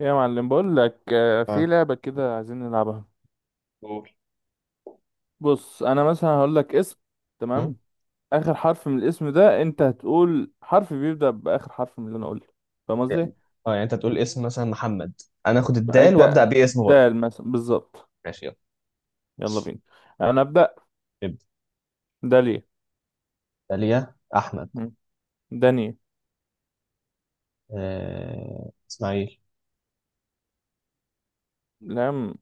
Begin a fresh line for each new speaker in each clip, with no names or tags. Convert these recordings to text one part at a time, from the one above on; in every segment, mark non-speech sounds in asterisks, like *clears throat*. يا معلم، بقول لك في
اه.
لعبة كده عايزين نلعبها.
قول.
بص، انا مثلا هقول لك اسم.
مم؟
تمام. اخر حرف من الاسم ده، انت هتقول حرف بيبدأ باخر حرف من اللي انا قلته. فاهم قصدي؟
يعني- اه، يعني انت تقول اسم مثلا محمد. انا اخد الدال
انت
وابدا بيه اسم برضه.
دال مثلا بالظبط.
ماشي، يلا
يلا بينا. انا ابدأ.
ابدا.
داليا.
داليا احمد.
مم. داني.
اسماعيل.
لام.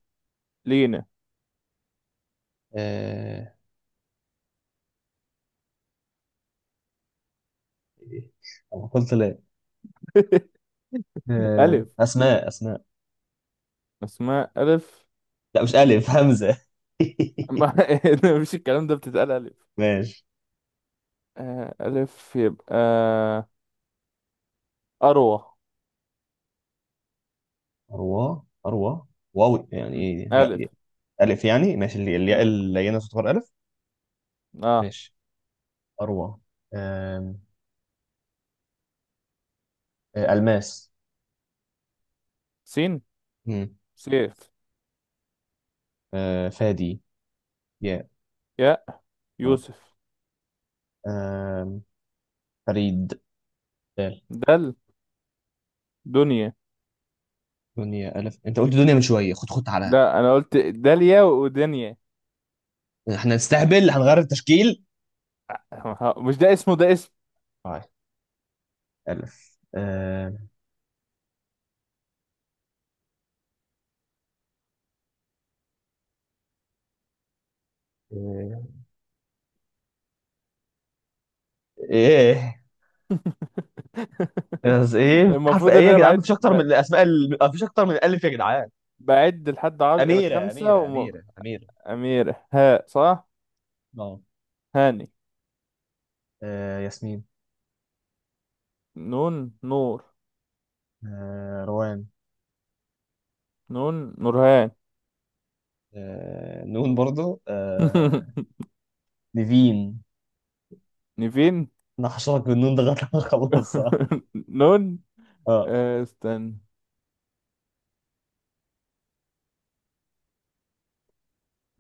لينا.
آه... إيه؟ أنا قلت لا.
*laughs* الف.
اسماء اسماء.
اسماء الف.
لا، مش الف همزه.
ما
*laughs*
*laughs* مفيش الكلام ده بتتقال الف.
ماشي.
آه، الف يبقى. اروى.
اروى. واو، يعني
مم.
ايه
الف.
الف؟ يعني ماشي، اللي الياء
مم.
اللينه تعتبر الف.
اه.
ماشي. اروى. آم، الماس.
سين.
مم.
سيف.
فادي. ياء.
يا. يوسف.
آم، فريد. بال.
دل. دنيا.
دنيا ألف؟ أنت قلت دنيا من شوية. خد خد على،
لا، انا قلت داليا ودنيا.
إحنا نستهبل هنغير التشكيل؟
مش ده اسمه، ده اسم.
طيب. ألف. إيه، إيه، بس
*laughs*
إيه حرف
المفروض
إيه
ان
يا
انا
جدعان؟ مفيش أكتر من مفيش أكتر من ألف يا جدعان.
بعد لحد عشر
أميرة
خمسة
أميرة أميرة أميرة
أميرة هاء صح؟
أه.
هاني.
آه، ياسمين.
نون. نور.
آه، روان.
نون. نورهان.
آه، نون برضو. آه،
*laughs*
نيفين.
نيفين.
أنا هشرك بالنون ده لغاية ما أخلصها.
*laughs* نون.
*laughs* أه.
آه، استنى.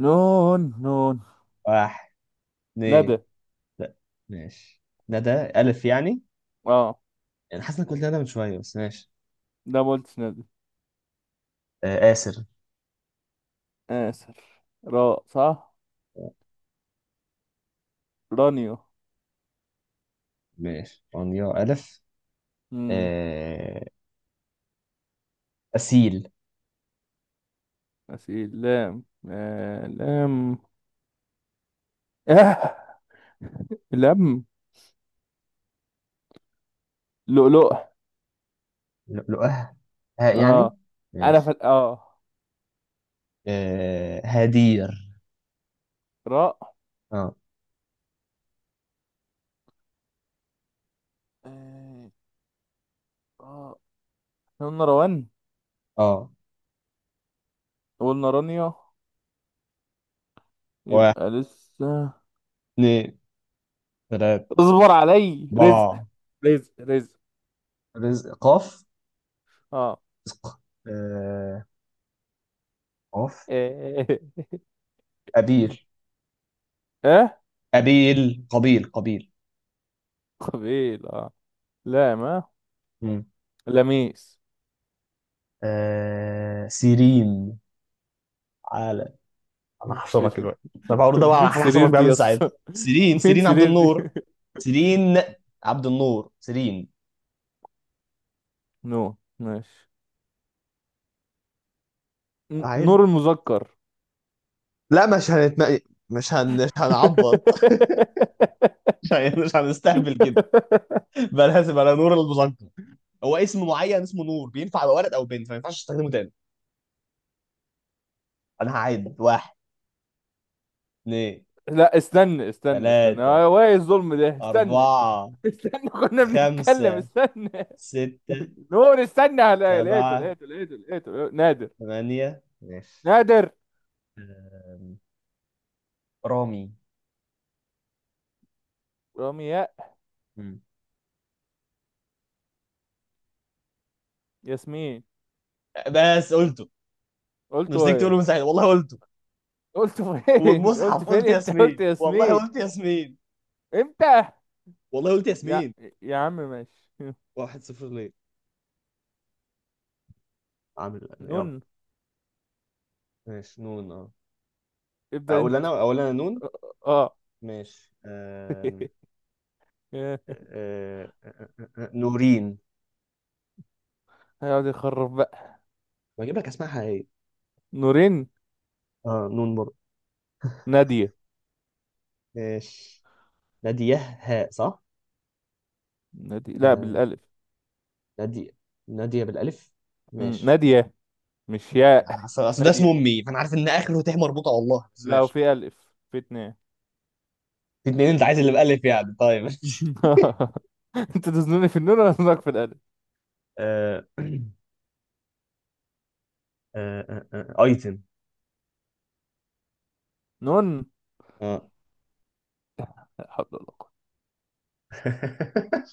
نون نون.
واحد،
ندى.
اتنين. لا. ماشي. ندى ألف يعني.
اه.
يعني حاسس انك قلت ده من شويه، بس ماشي.
ده ما قلتش ندى.
آه آسر.
آسف. راء صح. رانيو.
ماشي، انيا الف. آه أسيل.
غسيل. لام. آه. لام. آه. لم. لؤلؤ.
لؤلؤه ها يعني؟
اه. انا
ماشي.
اه.
آه هدير.
راء.
اه.
آه. آه. إحنا قلنا روان،
اه.
قلنا رانيا.
واحد،
يبقى لسه.
اثنين، ثلاثة،
اصبر علي. رزق.
أربعة.
رزق رزق.
رزق قاف.
اه.
رزق. آه قاف.
اه.
أبير.
آه.
قبيل.
قبيل. اه. لا ما.
مم.
لميس.
آه سيرين. على، انا
من
هحشرك
سرير.
دلوقتي. طب هقول ده بقى
من
على حاجه
سرير
هحشرك بيها
دي
من
يا اسطى.
ساعتها. سيرين
من
سيرين عبد
سرير دي.
النور. سيرين عبد النور. سيرين.
نو ماشي.
عيب.
نور المذكر.
لا مش هنتم... مش هنعبط. *laughs* مش هنستهبل كده.
*laughs*
بقى لازم على نور المذكر. هو اسم معين اسمه نور بينفع يبقى ولد او بنت، فما ينفعش تستخدمه تاني. انا هعد. واحد، اثنين،
لا، استنى استنى استنى،
ثلاثة،
هو ايه الظلم ده؟ استنى.
أربعة،
استنى *laughs* كنا بنتكلم،
خمسة،
استنى.
ستة،
نور، استنى، لقيته
سبعة،
لقيته لقيته لقيته نادر.
ثمانية. ماشي.
نادر.
أم، رامي.
رمياء.
مم.
ياسمين.
بس قلته.
قلته
مسكت
ايه؟
تقوله من ساعتها، والله قلته.
قلته فين؟ *laughs*
والمصحف
قلت
قلت
فين؟ امتى قلت
ياسمين، والله
ياسمين؟
قلت ياسمين،
امتى؟
والله قلت
يا.
ياسمين.
يا عم ماشي.
واحد صفر ليه؟ عامل
*laughs*
يلا.
نون.
ماشي نون اه.
ابدأ
اقول
انت.
انا اقول انا نون.
اه.
ماشي.
*laughs*
آه... آه... نورين.
هيقعد يخرب بقى.
بجيب لك اسمها حقيقية.
نورين.
اه نون برضه.
نادية.
ماشي. نادية هاء، صح؟
نادية لا
آه...
بالالف.
نادية. نادية بالألف.
مم.
ماشي.
نادية. مش ياء
اصل
*laughs*
اصل ده اسم
نادية.
امي، فانا عارف ان اخره تاء مربوطه والله، بس
لا،
ماشي.
وفي ألف، في اتنين.
في اتنين، انت عايز اللي بألف يعني؟ طيب ماشي.
*laughs* انت تزنوني في النون ولا تزنك في الألف؟
آه... *clears throat* ايتم.
نون.
اه.
لا حول ولا قوة.
*laughs*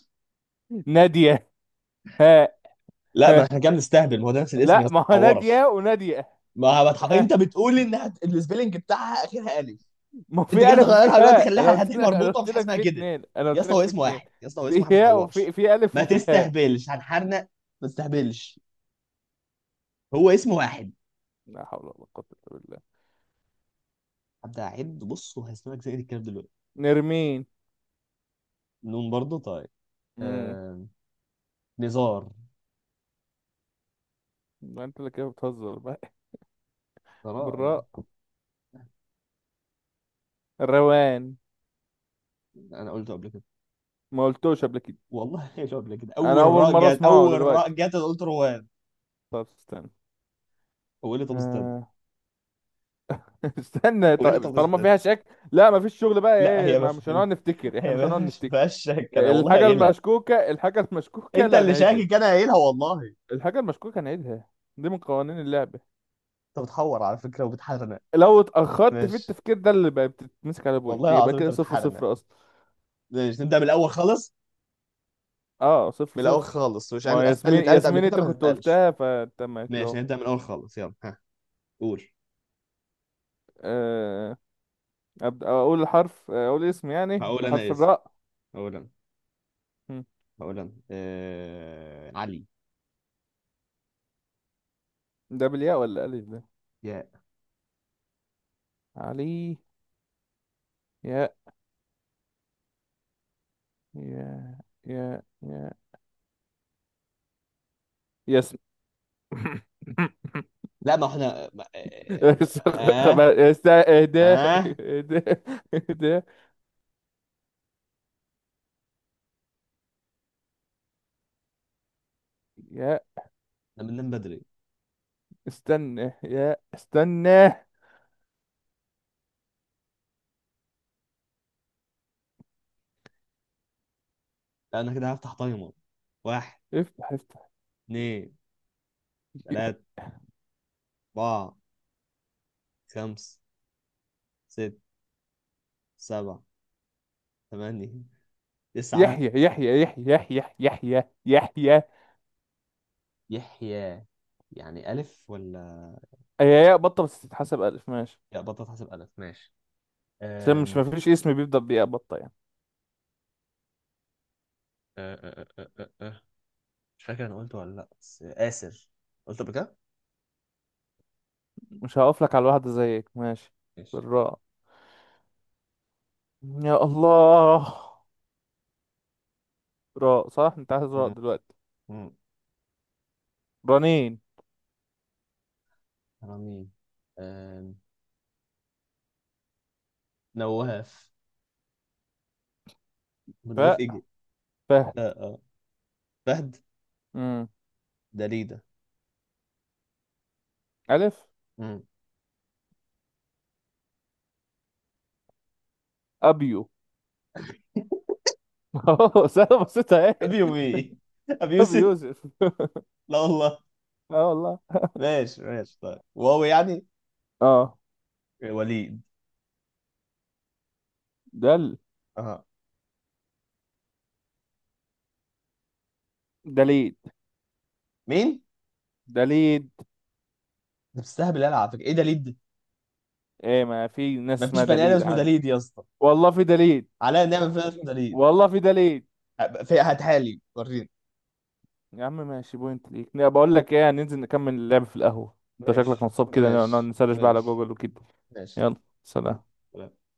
نادية هاء.
لا ما
ها.
احنا كده بنستهبل، ما هو ده نفس الاسم يا
لا
اسطى،
ما
ما
هو نادية
تحورش.
ونادية.
ما هو بتح... انت
ها.
السبيلنج بتاعها اخرها الف،
ما هو
انت
في
كده
ألف وفي
تغيرها دلوقتي،
هاء، أنا
خليها
قلت
هتح
لك أنا
مربوطه،
قلت
مش حاجه
لك
اسمها
في
كده.
اتنين، أنا
يا
قلت
اسطى هو
لك في
اسمه
اتنين.
واحد، يا اسطى هو اسمه
في
واحد، ما
هاء وفي
تحورش.
في ألف
ما
وفي هاء.
تستهبلش، هنحرنق. ما تستهبلش. هو اسمه واحد.
لا حول ولا قوة إلا بالله.
هبدا اعد بص وهسمعك زي الكلام دلوقتي.
نرمين.
نون برضه طيب.
امم
آه... نزار.
ما انت اللي كده بتهزر بقى.
ثراء يعني.
بالراء. روان.
انا قلته قبل كده.
ما قلتوش قبل كده.
والله *laughs* قلته قبل كده.
انا
اول
اول
راء
مره
جت
اسمعه
اول راء
دلوقتي.
جت أنا قلت روان.
طب استنى.
هو قال لي طب استنى.
آه، استنى
هو قال لي
طيب،
طب
طالما
استنى.
فيها شك. لا مفيش شغل بقى،
لا
ايه؟
هي ما
ما مش
فهمتش،
هنقعد نفتكر، احنا
هي
مش هنقعد
ما
نفتكر.
فيهاش شك، انا والله
الحاجة
قايلها.
المشكوكة الحاجة المشكوكة
انت
لا
اللي
نعيدها.
شاكك، انا قايلها والله.
الحاجة المشكوكة نعيدها. دي من قوانين اللعبة.
انت بتحور على فكره وبتحرنق.
لو اتأخرت في
ماشي،
التفكير ده اللي بقى بتتمسك على
والله
بوينت، يبقى
العظيم انت
كده صفر
بتحرنق.
صفر أصلا.
ماشي نبدا من الاول خالص،
اه، صفر
من الاول
صفر.
خالص، وعشان
ما
الاسئله اللي
ياسمين
اتقالت قبل
ياسمين،
كده
انت
ما
كنت
تتقالش.
قلتها فتمام كده
ماشي
اهو.
نبدا من الاول خالص. يلا ها، قول.
آه، أبدأ، أقول اسم يعني
هقول انا
بحرف
اسم.
الراء.
هقول انا
مم.
هقول انا علي.
ده بالياء ولا ألف ده؟
يا.
علي. ياء. ياء. ياء ياء. يسمع.
لا ما احنا ما- اه.
اهدى
اه.
اهدى.
آه،
اهدى. يا،
انا بننام بدري.
استنى. يا، استنى.
لا انا كده هفتح تايمر. واحد،
افتح افتح.
اثنين، ثلاثة، أربعة، خمسة، ستة، سبعة، ثمانية، تسعة.
يحيى يحيى يحيى يحيى يحيى يحيى.
يحيى. يعني ألف ولا؟
هي ياء بطة بس تتحسب ألف، ماشي.
لا بطل تحسب ألف، ماشي.
عشان مش
أم...
مفيش اسم بيبدأ بياء بطة يعني.
أه أه أه أه أه. آه. مش فاكر أنا قلته ولا لأ، بس آسر، قلت قبل كده؟
مش هقف لك على واحدة زيك، ماشي.
ماشي.
بالراء. يا الله. راء صح، انت عايز راء
مم.
دلوقتي.
مم.
رنين.
رامين. أم... نواف. نواف
فاء.
إيجي.
فهد.
أه أه، فهد.
أمم.
دليدة.
ألف.
مم.
أبيو. *laughs* سهلة بسيطة اهي.
أبي يومي *laughs* أبي
ابي
يوسف.
يوسف *laughs*
لا والله.
اه والله.
ماشي ماشي، طيب واو يعني.
اه.
وليد.
دل.
أه.
دليد.
مين؟
دليد.
ده بتستهبل أنا على فكرة، إيه دليد؟
ايه، ما في ناس
مفيش
اسمها
بني آدم
دليد
اسمه
عاد.
دليد يا اسطى.
والله في دليد.
عليا نعمل فيها اسم دليل.
والله في دليد.
في، هاتها لي وريني.
يا عم ماشي، بوينت ليك، لا، بقول لك ايه، هننزل نكمل اللعب في القهوه. انت شكلك
ماشي
نصاب كده، نقعد
ماشي
نسرش بقى على
ماشي.
جوجل وكده.
ماشي.
يلا. سلام.
يلا.